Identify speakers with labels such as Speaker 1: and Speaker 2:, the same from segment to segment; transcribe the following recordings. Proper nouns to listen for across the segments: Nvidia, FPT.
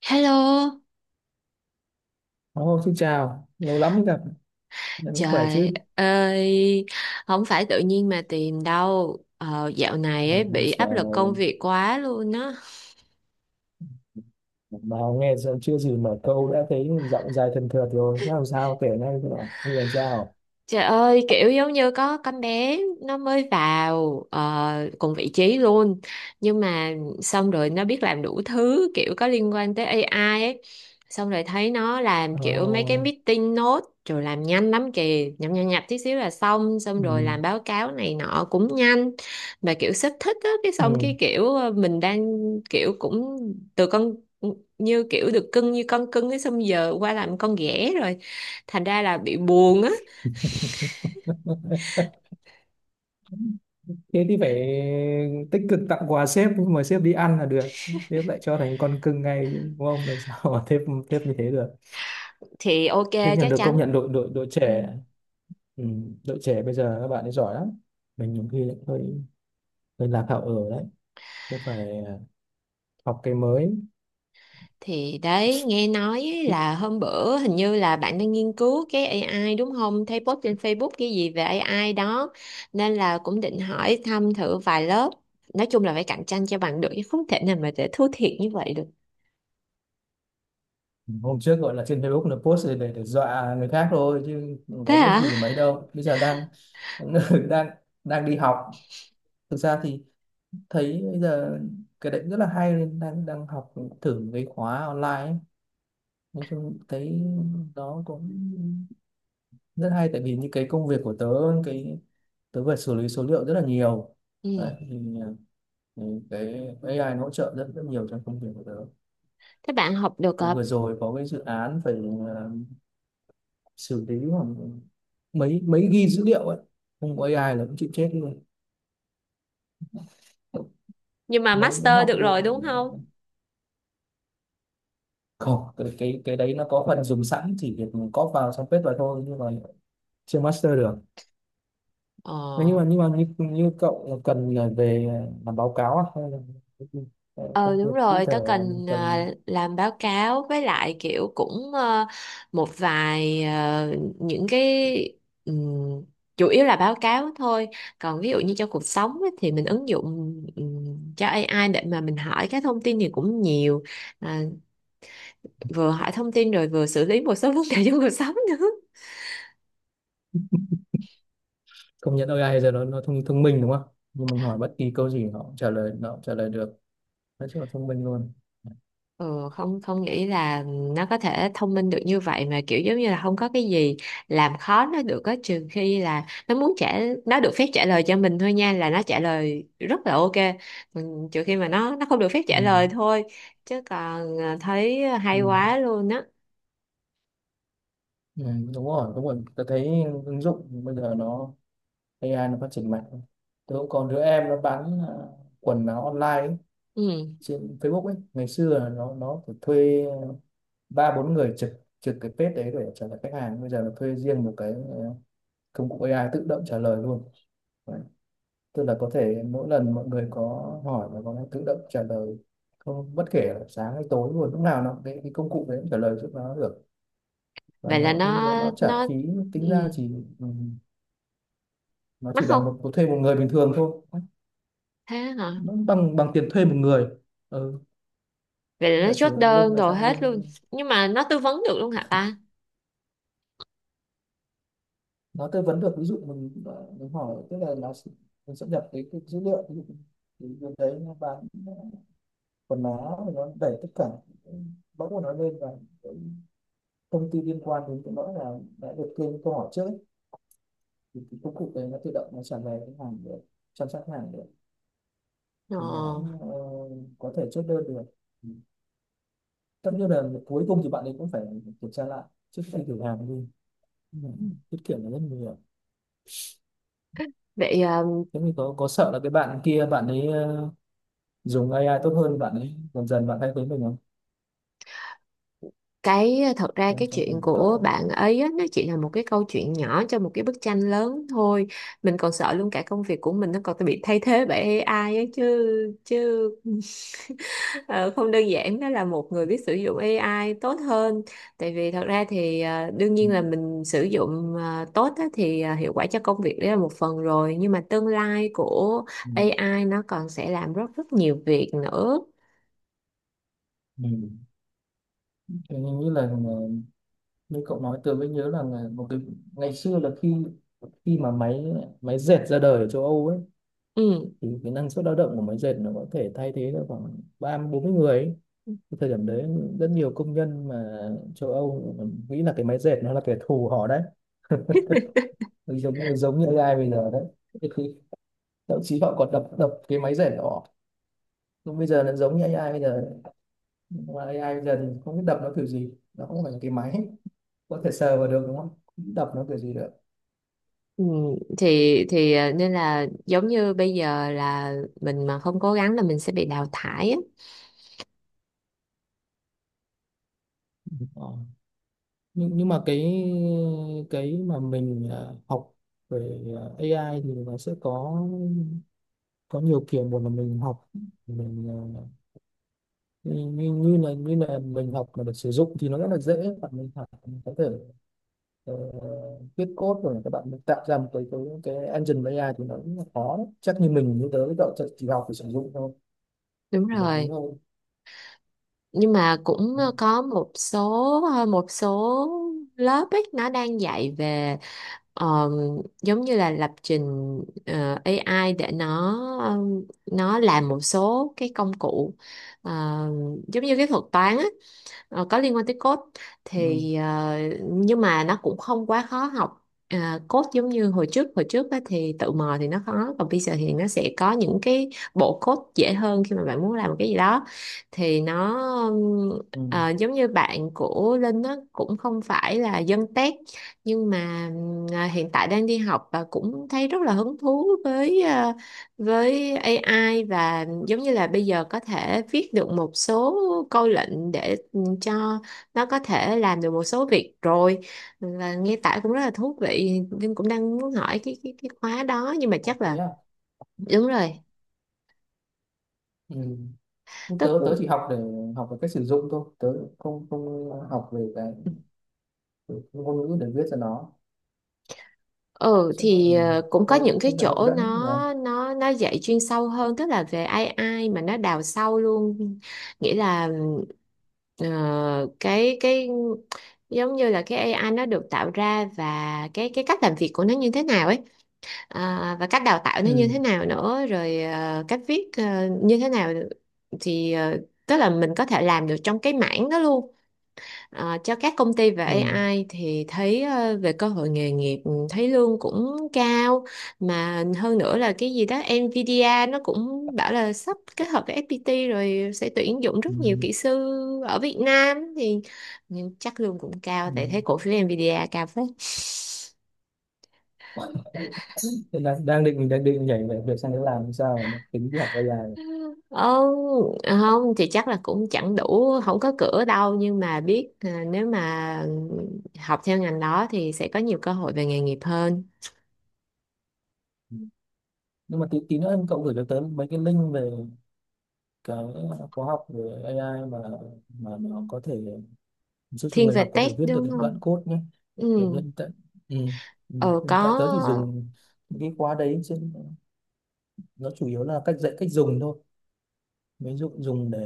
Speaker 1: Hello,
Speaker 2: Ồ, xin chào, lâu lắm mới gặp, em vẫn khỏe
Speaker 1: trời
Speaker 2: chứ?
Speaker 1: ơi, không phải tự nhiên mà tìm đâu. Ờ, dạo này
Speaker 2: Ừ,
Speaker 1: ấy bị
Speaker 2: giờ
Speaker 1: áp lực công việc quá luôn á.
Speaker 2: mà nghe giờ chưa gì mở câu đã thấy giọng dài thần thượt rồi, thế làm sao kể ngay các bạn, bây giờ làm sao?
Speaker 1: Trời ơi, kiểu giống như có con bé nó mới vào cùng vị trí luôn. Nhưng mà xong rồi nó biết làm đủ thứ kiểu có liên quan tới AI ấy. Xong rồi thấy nó làm kiểu mấy cái
Speaker 2: Ờ,
Speaker 1: meeting note rồi làm nhanh lắm kìa, nhập nhập nhập tí xíu là xong, xong
Speaker 2: ừ,
Speaker 1: rồi làm báo cáo này nọ cũng nhanh. Mà kiểu sếp thích á, cái xong
Speaker 2: ừ.
Speaker 1: cái kiểu mình đang kiểu cũng từ con như kiểu được cưng như con cưng ấy xong giờ qua làm con ghẻ rồi. Thành ra là bị buồn á,
Speaker 2: Thế thì phải tích cực tặng quà sếp, mời mà sếp đi ăn là được, sếp lại cho thành con cưng ngay, đúng không? Làm sao mà sếp như thế được?
Speaker 1: thì ok,
Speaker 2: Thế nhận
Speaker 1: chắc
Speaker 2: được công nhận
Speaker 1: chắn,
Speaker 2: đội đội đội
Speaker 1: ừ.
Speaker 2: trẻ, ừ, đội trẻ bây giờ các bạn ấy giỏi lắm. Mình nhiều khi lại hơi hơi lạc hậu ở đấy, cũng phải học cái mới.
Speaker 1: Thì đấy, nghe nói ấy
Speaker 2: Thích,
Speaker 1: là hôm bữa hình như là bạn đang nghiên cứu cái AI đúng không, thấy post trên Facebook cái gì về AI đó nên là cũng định hỏi thăm thử vài lớp. Nói chung là phải cạnh tranh cho bằng được chứ không thể nào mà để thua thiệt như vậy được.
Speaker 2: hôm trước gọi là trên Facebook là post để dọa người khác thôi chứ không
Speaker 1: Thế
Speaker 2: có biết
Speaker 1: hả,
Speaker 2: gì về mấy đâu, bây giờ đang đang đang đi học. Thực ra thì thấy bây giờ cái đấy cũng rất là hay nên đang đang học thử cái khóa online ấy. Nói chung thấy nó cũng rất hay tại vì những cái công việc của tớ, cái tớ phải xử lý số liệu rất là nhiều. Đấy,
Speaker 1: ừ.
Speaker 2: thì ừ, cái AI nó hỗ trợ rất rất nhiều trong công việc của tớ.
Speaker 1: Thế bạn học được
Speaker 2: Tại vừa rồi có cái dự án phải à, xử lý khoảng mấy mấy ghi dữ liệu ấy, không có AI là cũng chịu chết luôn.
Speaker 1: nhưng mà
Speaker 2: Mới mới
Speaker 1: master
Speaker 2: học
Speaker 1: được
Speaker 2: được,
Speaker 1: rồi đúng không,
Speaker 2: không cái đấy nó có phần dùng sẵn chỉ việc có vào xong paste vào thôi nhưng mà chưa master được. Thế nhưng mà
Speaker 1: ờ.
Speaker 2: nhưng mà như cậu cần là về làm báo cáo à? Hay là cái gì? Ờ,
Speaker 1: Ờ
Speaker 2: công
Speaker 1: đúng
Speaker 2: việc cụ
Speaker 1: rồi,
Speaker 2: thể
Speaker 1: tớ
Speaker 2: là mình
Speaker 1: cần
Speaker 2: cần.
Speaker 1: làm báo cáo với lại kiểu cũng một vài những cái, ừm, chủ yếu là báo cáo thôi. Còn ví dụ như cho cuộc sống ấy, thì mình ứng dụng cho AI để mà mình hỏi các thông tin thì cũng nhiều. À, vừa hỏi thông tin rồi vừa xử lý một số vấn đề trong cuộc sống nữa.
Speaker 2: Công nhận AI giờ nó thông thông minh đúng không, nhưng mình hỏi bất kỳ câu gì nó cũng trả lời được, nói chung là thông minh luôn.
Speaker 1: Ừ, không không nghĩ là nó có thể thông minh được như vậy mà kiểu giống như là không có cái gì làm khó nó được á, trừ khi là nó muốn trả, nó được phép trả lời cho mình thôi nha, là nó trả lời rất là ok. Mình trừ khi mà nó không được phép
Speaker 2: Ừ.
Speaker 1: trả lời thôi, chứ còn à, thấy
Speaker 2: Ừ.
Speaker 1: hay quá luôn á,
Speaker 2: Ừ, đúng rồi, đúng rồi, tôi thấy ứng dụng bây giờ nó AI nó phát triển mạnh. Tôi cũng còn đứa em nó bán quần áo online ấy,
Speaker 1: ừ.
Speaker 2: trên Facebook ấy, ngày xưa là nó phải thuê ba bốn người trực trực cái page đấy để trả lời khách hàng, bây giờ là thuê riêng một cái công cụ AI tự động trả lời luôn. Đấy. Tức là có thể mỗi lần mọi người có hỏi là nó tự động trả lời, không bất kể là sáng hay tối, luôn lúc nào nó cái công cụ đấy cũng trả lời giúp nó được, và
Speaker 1: Vậy là
Speaker 2: nó
Speaker 1: nó
Speaker 2: nó nó trả
Speaker 1: nó
Speaker 2: phí tính ra
Speaker 1: ừ.
Speaker 2: chỉ ừ, nó
Speaker 1: Mắc
Speaker 2: chỉ
Speaker 1: không,
Speaker 2: bằng một thuê một người bình thường thôi,
Speaker 1: thế hả,
Speaker 2: nó bằng bằng tiền thuê một người, ừ,
Speaker 1: vậy là nó
Speaker 2: giả sử
Speaker 1: chốt
Speaker 2: lưng
Speaker 1: đơn
Speaker 2: là
Speaker 1: đồ
Speaker 2: sao
Speaker 1: hết
Speaker 2: lưng,
Speaker 1: luôn, nhưng mà nó tư vấn được luôn hả ta.
Speaker 2: nó tư vấn được ví dụ mình mình hỏi tức là nó sẽ- mình sẽ nhập cái dữ liệu ví dụ, thì bên đấy nó bán quần áo, nó đẩy tất cả bóc của nó lên, và cái thông tin liên quan đến cái đó là đã được kênh câu hỏi trước ấy. Thì cái công cụ đấy nó tự động nó trả lời, cái hàng được chăm sóc, hàng được,
Speaker 1: Ờ.
Speaker 2: thì nó ờ, có thể chốt đơn được, tất nhiên là cuối cùng thì bạn ấy cũng phải kiểm tra lại trước khi thử hàng đi. Nhưng tiết kiệm là rất nhiều.
Speaker 1: Vậy à,
Speaker 2: Thế mình có sợ là cái bạn kia bạn ấy dùng AI tốt hơn bạn ấy, dần dần bạn thay thế mình không,
Speaker 1: cái thật ra
Speaker 2: trong
Speaker 1: cái
Speaker 2: trong công
Speaker 1: chuyện
Speaker 2: việc của cậu
Speaker 1: của
Speaker 2: ấy.
Speaker 1: bạn ấy á, nó chỉ là một cái câu chuyện nhỏ cho một cái bức tranh lớn thôi. Mình còn sợ luôn cả công việc của mình nó còn bị thay thế bởi AI ấy chứ chứ, ờ, không đơn giản đó là một người biết sử dụng AI tốt hơn, tại vì thật ra thì đương
Speaker 2: Ừ.
Speaker 1: nhiên là mình sử dụng tốt á, thì hiệu quả cho công việc đấy là một phần rồi, nhưng mà tương lai của
Speaker 2: Ừ.
Speaker 1: AI nó còn sẽ làm rất rất nhiều việc nữa.
Speaker 2: Ừ. Thế nhưng nghĩ là như cậu nói tôi mới nhớ là một cái ngày xưa là khi khi mà máy máy dệt ra đời ở châu Âu ấy,
Speaker 1: Ừ.
Speaker 2: thì cái năng suất lao động của máy dệt nó có thể thay thế được khoảng 30-40 người ấy. Cái thời điểm đấy rất nhiều công nhân mà châu Âu nghĩ là cái máy dệt nó là kẻ thù họ đấy, giống như AI bây giờ đấy. Thế thì thậm chí họ còn đập đập cái máy dệt của họ. Còn bây giờ là giống như AI bây giờ, mà AI bây giờ thì không biết đập nó kiểu gì, nó không phải là cái máy có thể sờ vào được đúng không, đập nó kiểu gì được.
Speaker 1: Ừ, thì nên là giống như bây giờ là mình mà không cố gắng là mình sẽ bị đào thải á.
Speaker 2: Ờ. Nhưng mà cái mà mình học về AI thì nó sẽ có nhiều kiểu, một là mình học mình như, như như là mình học mà được sử dụng thì nó rất là dễ, bạn mình học mình có thể ờ, viết code rồi các bạn mình tạo ra một cái engine AI thì nó cũng là khó đấy. Chắc như mình như tớ cậu chỉ học để sử dụng thôi,
Speaker 1: Đúng
Speaker 2: thì là thế
Speaker 1: rồi.
Speaker 2: thôi.
Speaker 1: Nhưng mà cũng có một số một số lớp ấy nó đang dạy về ờ, giống như là lập trình AI để nó làm một số cái công cụ ờ, giống như cái thuật toán á, có liên quan tới code,
Speaker 2: Ừ.
Speaker 1: thì nhưng mà nó cũng không quá khó học. À, code giống như hồi trước á, thì tự mò thì nó khó, còn bây giờ thì nó sẽ có những cái bộ code dễ hơn khi mà bạn muốn làm một cái gì đó, thì nó ừm,
Speaker 2: Ừ.
Speaker 1: giống như bạn của Linh nó cũng không phải là dân tech, nhưng mà hiện tại đang đi học và cũng thấy rất là hứng thú với với AI, và giống như là bây giờ có thể viết được một số câu lệnh để cho nó có thể làm được một số việc rồi, và nghe tải cũng rất là thú vị, nhưng cũng đang muốn hỏi cái cái khóa đó, nhưng mà chắc
Speaker 2: Ok
Speaker 1: là
Speaker 2: á.
Speaker 1: đúng rồi.
Speaker 2: Ừ. Nhưng
Speaker 1: Tức,
Speaker 2: tớ tớ chỉ học để học về cách sử dụng thôi, tớ không không học về cái ngôn ngữ để viết cho nó,
Speaker 1: ừ
Speaker 2: cho
Speaker 1: thì
Speaker 2: nên tụi
Speaker 1: cũng có
Speaker 2: tôi
Speaker 1: những
Speaker 2: cũng,
Speaker 1: cái
Speaker 2: cũng phải hấp
Speaker 1: chỗ
Speaker 2: dẫn nhỉ.
Speaker 1: nó dạy chuyên sâu hơn, tức là về AI mà nó đào sâu luôn. Nghĩa là ờ, cái giống như là cái AI nó được tạo ra và cái cách làm việc của nó như thế nào ấy, à, và cách đào tạo nó như
Speaker 2: Ừ.
Speaker 1: thế nào nữa, rồi à, cách viết à, như thế nào, thì à, tức là mình có thể làm được trong cái mảng đó luôn. À, cho các công ty về
Speaker 2: Ừ.
Speaker 1: AI thì thấy à, về cơ hội nghề nghiệp ừ, thấy lương cũng cao, mà hơn nữa là cái gì đó Nvidia nó cũng bảo là sắp kết hợp với FPT rồi sẽ tuyển dụng
Speaker 2: Ừ.
Speaker 1: rất nhiều kỹ sư ở Việt Nam, thì nhưng chắc lương cũng cao
Speaker 2: Ừ.
Speaker 1: tại thấy cổ phiếu Nvidia cao phết.
Speaker 2: Hiện đang định nhảy về việc sang đấy làm sao mà tính đi học AI này.
Speaker 1: Ờ, không thì chắc là cũng chẳng đủ, không có cửa đâu, nhưng mà biết à, nếu mà học theo ngành đó thì sẽ có nhiều cơ hội về nghề nghiệp hơn.
Speaker 2: Ừ. Nhưng mà tí tí nữa em cậu gửi cho tớ mấy cái link về cái khóa học về AI mà nó có thể giúp cho
Speaker 1: Thiên
Speaker 2: người học
Speaker 1: về
Speaker 2: có thể
Speaker 1: tech
Speaker 2: viết được
Speaker 1: đúng
Speaker 2: những đoạn
Speaker 1: không,
Speaker 2: code nhé.
Speaker 1: ừ,
Speaker 2: Tớ hiện tại ừ. Ừ.
Speaker 1: ờ có,
Speaker 2: Hiện tại tớ chỉ dùng những cái khóa đấy chứ nó chủ yếu là cách dạy cách dùng thôi, ví dụ dùng để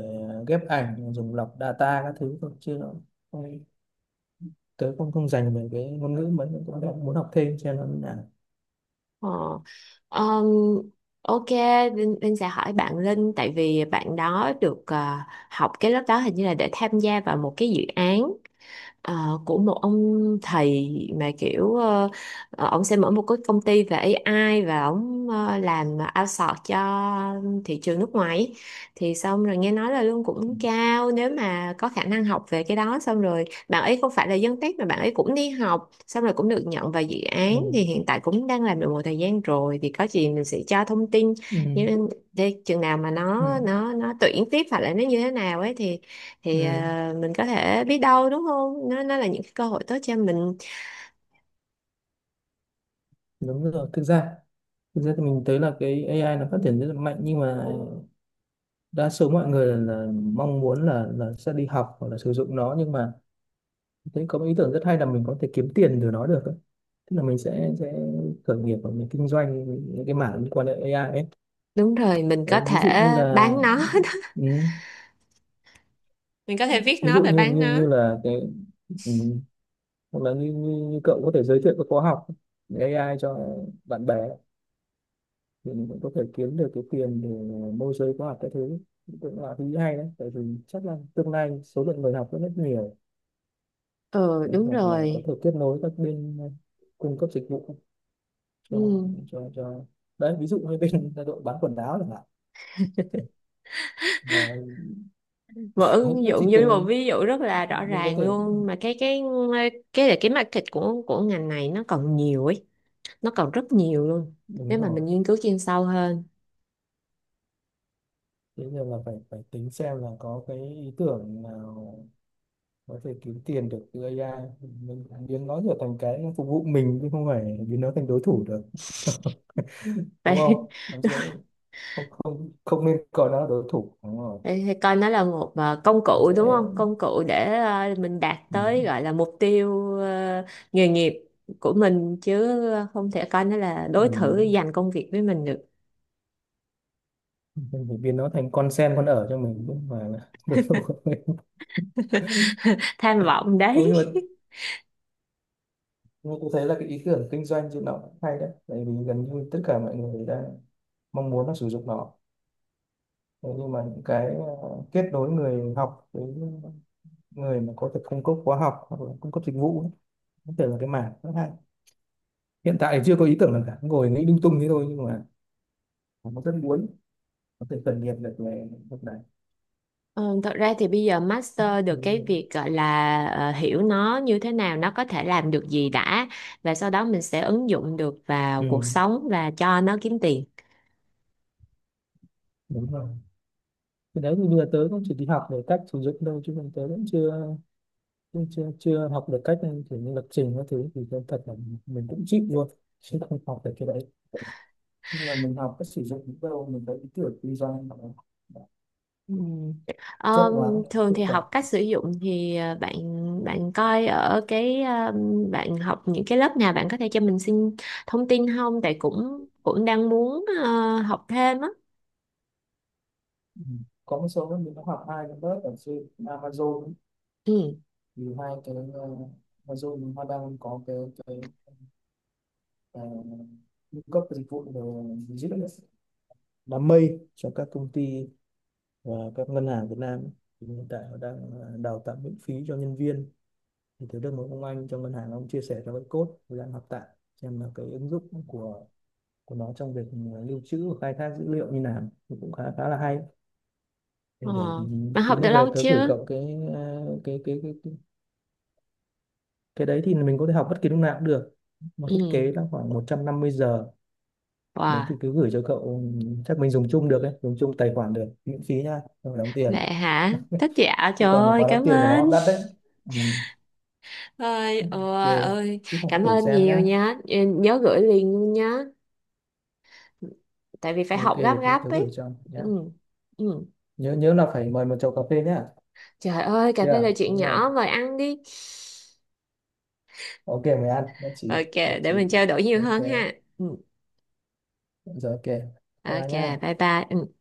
Speaker 2: ghép ảnh, dùng lọc data các thứ thôi chứ nó không- tớ không không dành về cái ngôn ngữ mấy, cũng đang muốn học thêm cho nên là
Speaker 1: ờ. Ờm, ok Linh, Linh sẽ hỏi bạn Linh tại vì bạn đó được học cái lớp đó hình như là để tham gia vào một cái dự án của một ông thầy, mà kiểu ông sẽ mở một cái công ty về AI và ông làm outsource cho thị trường nước ngoài ấy. Thì xong rồi nghe nói là lương
Speaker 2: ừ.
Speaker 1: cũng cao, nếu mà có khả năng học về cái đó, xong rồi bạn ấy không phải là dân tech mà bạn ấy cũng đi học xong rồi cũng được nhận vào dự án,
Speaker 2: Ừ.
Speaker 1: thì hiện tại cũng đang làm được một thời gian rồi, thì có gì mình sẽ cho thông tin.
Speaker 2: Ừ.
Speaker 1: Nhưng để chừng nào mà
Speaker 2: Ừ.
Speaker 1: nó tuyển tiếp hoặc là nó như thế nào ấy, thì
Speaker 2: Ừ,
Speaker 1: à, mình có thể biết đâu đúng không, nó nó là những cái cơ hội tốt cho mình.
Speaker 2: đúng rồi. Thực ra thì mình thấy là cái AI nó phát triển rất là mạnh nhưng mà đa số mọi người là mong muốn là sẽ đi học hoặc là sử dụng nó nhưng mà thấy có một ý tưởng rất hay là mình có thể kiếm tiền từ nó được. Ấy. Tức là mình sẽ khởi nghiệp và mình kinh doanh những cái mảng liên quan đến AI ấy.
Speaker 1: Đúng rồi, mình có
Speaker 2: Đấy, ví dụ
Speaker 1: thể
Speaker 2: như là
Speaker 1: bán nó.
Speaker 2: ừ,
Speaker 1: Mình có thể viết
Speaker 2: ví
Speaker 1: nó
Speaker 2: dụ
Speaker 1: và
Speaker 2: như
Speaker 1: bán
Speaker 2: như
Speaker 1: nó,
Speaker 2: như là cái ừ, hoặc là như cậu có thể giới thiệu các khóa học AI cho bạn bè thì mình cũng có thể kiếm được cái tiền để môi giới khóa học các thứ, cũng là thứ hay đấy tại vì chắc là tương lai số lượng người học rất rất nhiều.
Speaker 1: ừ
Speaker 2: Đấy,
Speaker 1: đúng
Speaker 2: hoặc là có
Speaker 1: rồi,
Speaker 2: thể kết nối các bên cung cấp dịch vụ cho
Speaker 1: ừ.
Speaker 2: cho đấy ví dụ như bên đội bán quần áo chẳng hạn mà
Speaker 1: Một ứng
Speaker 2: nó
Speaker 1: dụng
Speaker 2: chỉ
Speaker 1: như một
Speaker 2: cần
Speaker 1: ví dụ rất là rõ
Speaker 2: mình có
Speaker 1: ràng
Speaker 2: thể,
Speaker 1: luôn mà, cái cái là cái market của ngành này nó còn nhiều ấy, nó còn rất nhiều luôn
Speaker 2: đúng
Speaker 1: nếu mà
Speaker 2: rồi.
Speaker 1: mình nghiên cứu chuyên sâu hơn.
Speaker 2: Thế nhưng là phải phải tính xem là có cái ý tưởng nào có thể kiếm tiền được từ AI, mình biến nó trở thành cái phục vụ mình chứ không phải biến nó thành đối thủ được. Đúng
Speaker 1: Vậy.
Speaker 2: không, nắm giữ, không không không nên coi nó là đối thủ, đúng rồi.
Speaker 1: Thì coi nó là một công cụ
Speaker 2: Sẽ
Speaker 1: đúng không? Công cụ để mình đạt tới
Speaker 2: mình,
Speaker 1: gọi là mục tiêu nghề nghiệp của mình chứ không thể coi nó là đối thủ
Speaker 2: mình,
Speaker 1: giành công việc với mình được.
Speaker 2: mình phải biến nó thành con sen con ở cho mình chứ không phải là đối thủ của mình.
Speaker 1: Tham vọng
Speaker 2: Ừ,
Speaker 1: đấy.
Speaker 2: nhưng mà tôi thấy là cái ý tưởng kinh doanh trên nó cũng hay đấy tại vì gần như tất cả mọi người đang mong muốn là sử dụng nó. Thế nhưng mà những cái kết nối người học với người mà có thể cung cấp khóa học hoặc là cung cấp dịch vụ ấy, có thể là cái mảng rất hay. Hiện tại thì chưa có ý tưởng nào cả, ngồi nghĩ lung tung thế thôi nhưng mà nó rất muốn có thể khởi nghiệp được về lúc này.
Speaker 1: Ừ, thật ra thì bây giờ master được cái
Speaker 2: Ừ,
Speaker 1: việc gọi là hiểu nó như thế nào, nó có thể làm được gì đã, và sau đó mình sẽ ứng dụng được vào
Speaker 2: ừ,
Speaker 1: cuộc sống và cho nó kiếm tiền.
Speaker 2: đúng rồi, thì đấy thì vừa tới cũng chỉ đi học về cách sử dụng đâu chứ còn tới cũng chưa chưa học được cách kiểu như lập trình các thứ thì tôi thật là mình cũng chịu luôn chứ không học được cái đấy, nhưng mà mình học cách sử dụng những đâu mình thấy ý tưởng kinh doanh hoặc là
Speaker 1: Ừ.
Speaker 2: chất
Speaker 1: Ờ,
Speaker 2: đoán
Speaker 1: thường thì
Speaker 2: hiệu quả.
Speaker 1: học cách sử dụng thì bạn bạn coi ở cái bạn học những cái lớp nào bạn có thể cho mình xin thông tin không? Tại cũng cũng đang muốn học thêm á.
Speaker 2: Ừ. Có một số mình đã học hai cái lớp ở trên Amazon ấy.
Speaker 1: Ừ.
Speaker 2: Thì hai cái Amazon họ đang có cái uh, cung cấp dịch vụ về dữ liệu đám mây cho các công ty và các ngân hàng Việt Nam, thì hiện tại họ đang đào tạo miễn phí cho nhân viên, thì thấy được một ông anh trong ngân hàng ông chia sẻ cho cái code tôi đang học tại xem là cái ứng dụng của nó trong việc lưu trữ và khai thác dữ liệu như nào thì cũng khá khá là hay để,
Speaker 1: Ờ.
Speaker 2: để
Speaker 1: Bạn học
Speaker 2: tí nó
Speaker 1: được
Speaker 2: về
Speaker 1: lâu
Speaker 2: tới gửi
Speaker 1: chưa?
Speaker 2: cậu cái, à, cái cái đấy thì mình có thể học bất kỳ lúc nào cũng được mà thiết
Speaker 1: Ừ.
Speaker 2: kế là khoảng 150 giờ. Đấy
Speaker 1: Wow,
Speaker 2: thì cứ gửi cho cậu chắc mình dùng chung được ấy, dùng chung tài khoản được miễn phí nha không phải đóng tiền
Speaker 1: vậy hả? Thích, dạ
Speaker 2: chứ
Speaker 1: trời
Speaker 2: còn
Speaker 1: ơi,
Speaker 2: khóa đóng
Speaker 1: cảm
Speaker 2: tiền của nó
Speaker 1: ơn.
Speaker 2: đắt đấy. Ừ.
Speaker 1: Ơi,
Speaker 2: Ok
Speaker 1: ôi, ơi,
Speaker 2: cứ học
Speaker 1: cảm
Speaker 2: thử
Speaker 1: ơn
Speaker 2: xem
Speaker 1: nhiều
Speaker 2: nhá.
Speaker 1: nha. Ừ, nhớ gửi liền luôn nhá. Tại vì phải
Speaker 2: Ok
Speaker 1: học gấp
Speaker 2: thế
Speaker 1: gấp
Speaker 2: thử gửi
Speaker 1: ấy.
Speaker 2: cho nhá,
Speaker 1: Ừ. Ừ.
Speaker 2: nhớ nhớ là phải mời một chầu cà phê nhá,
Speaker 1: Trời ơi, cà phê
Speaker 2: yeah,
Speaker 1: là chuyện
Speaker 2: đúng không.
Speaker 1: nhỏ, mời ăn đi.
Speaker 2: Ok mời ăn, nhất trí
Speaker 1: Ok,
Speaker 2: nhất
Speaker 1: để
Speaker 2: trí.
Speaker 1: mình trao đổi nhiều
Speaker 2: Ok
Speaker 1: hơn ha. Ừ.
Speaker 2: rồi ok bye bye
Speaker 1: Ok,
Speaker 2: nhá.
Speaker 1: bye bye. Ừ.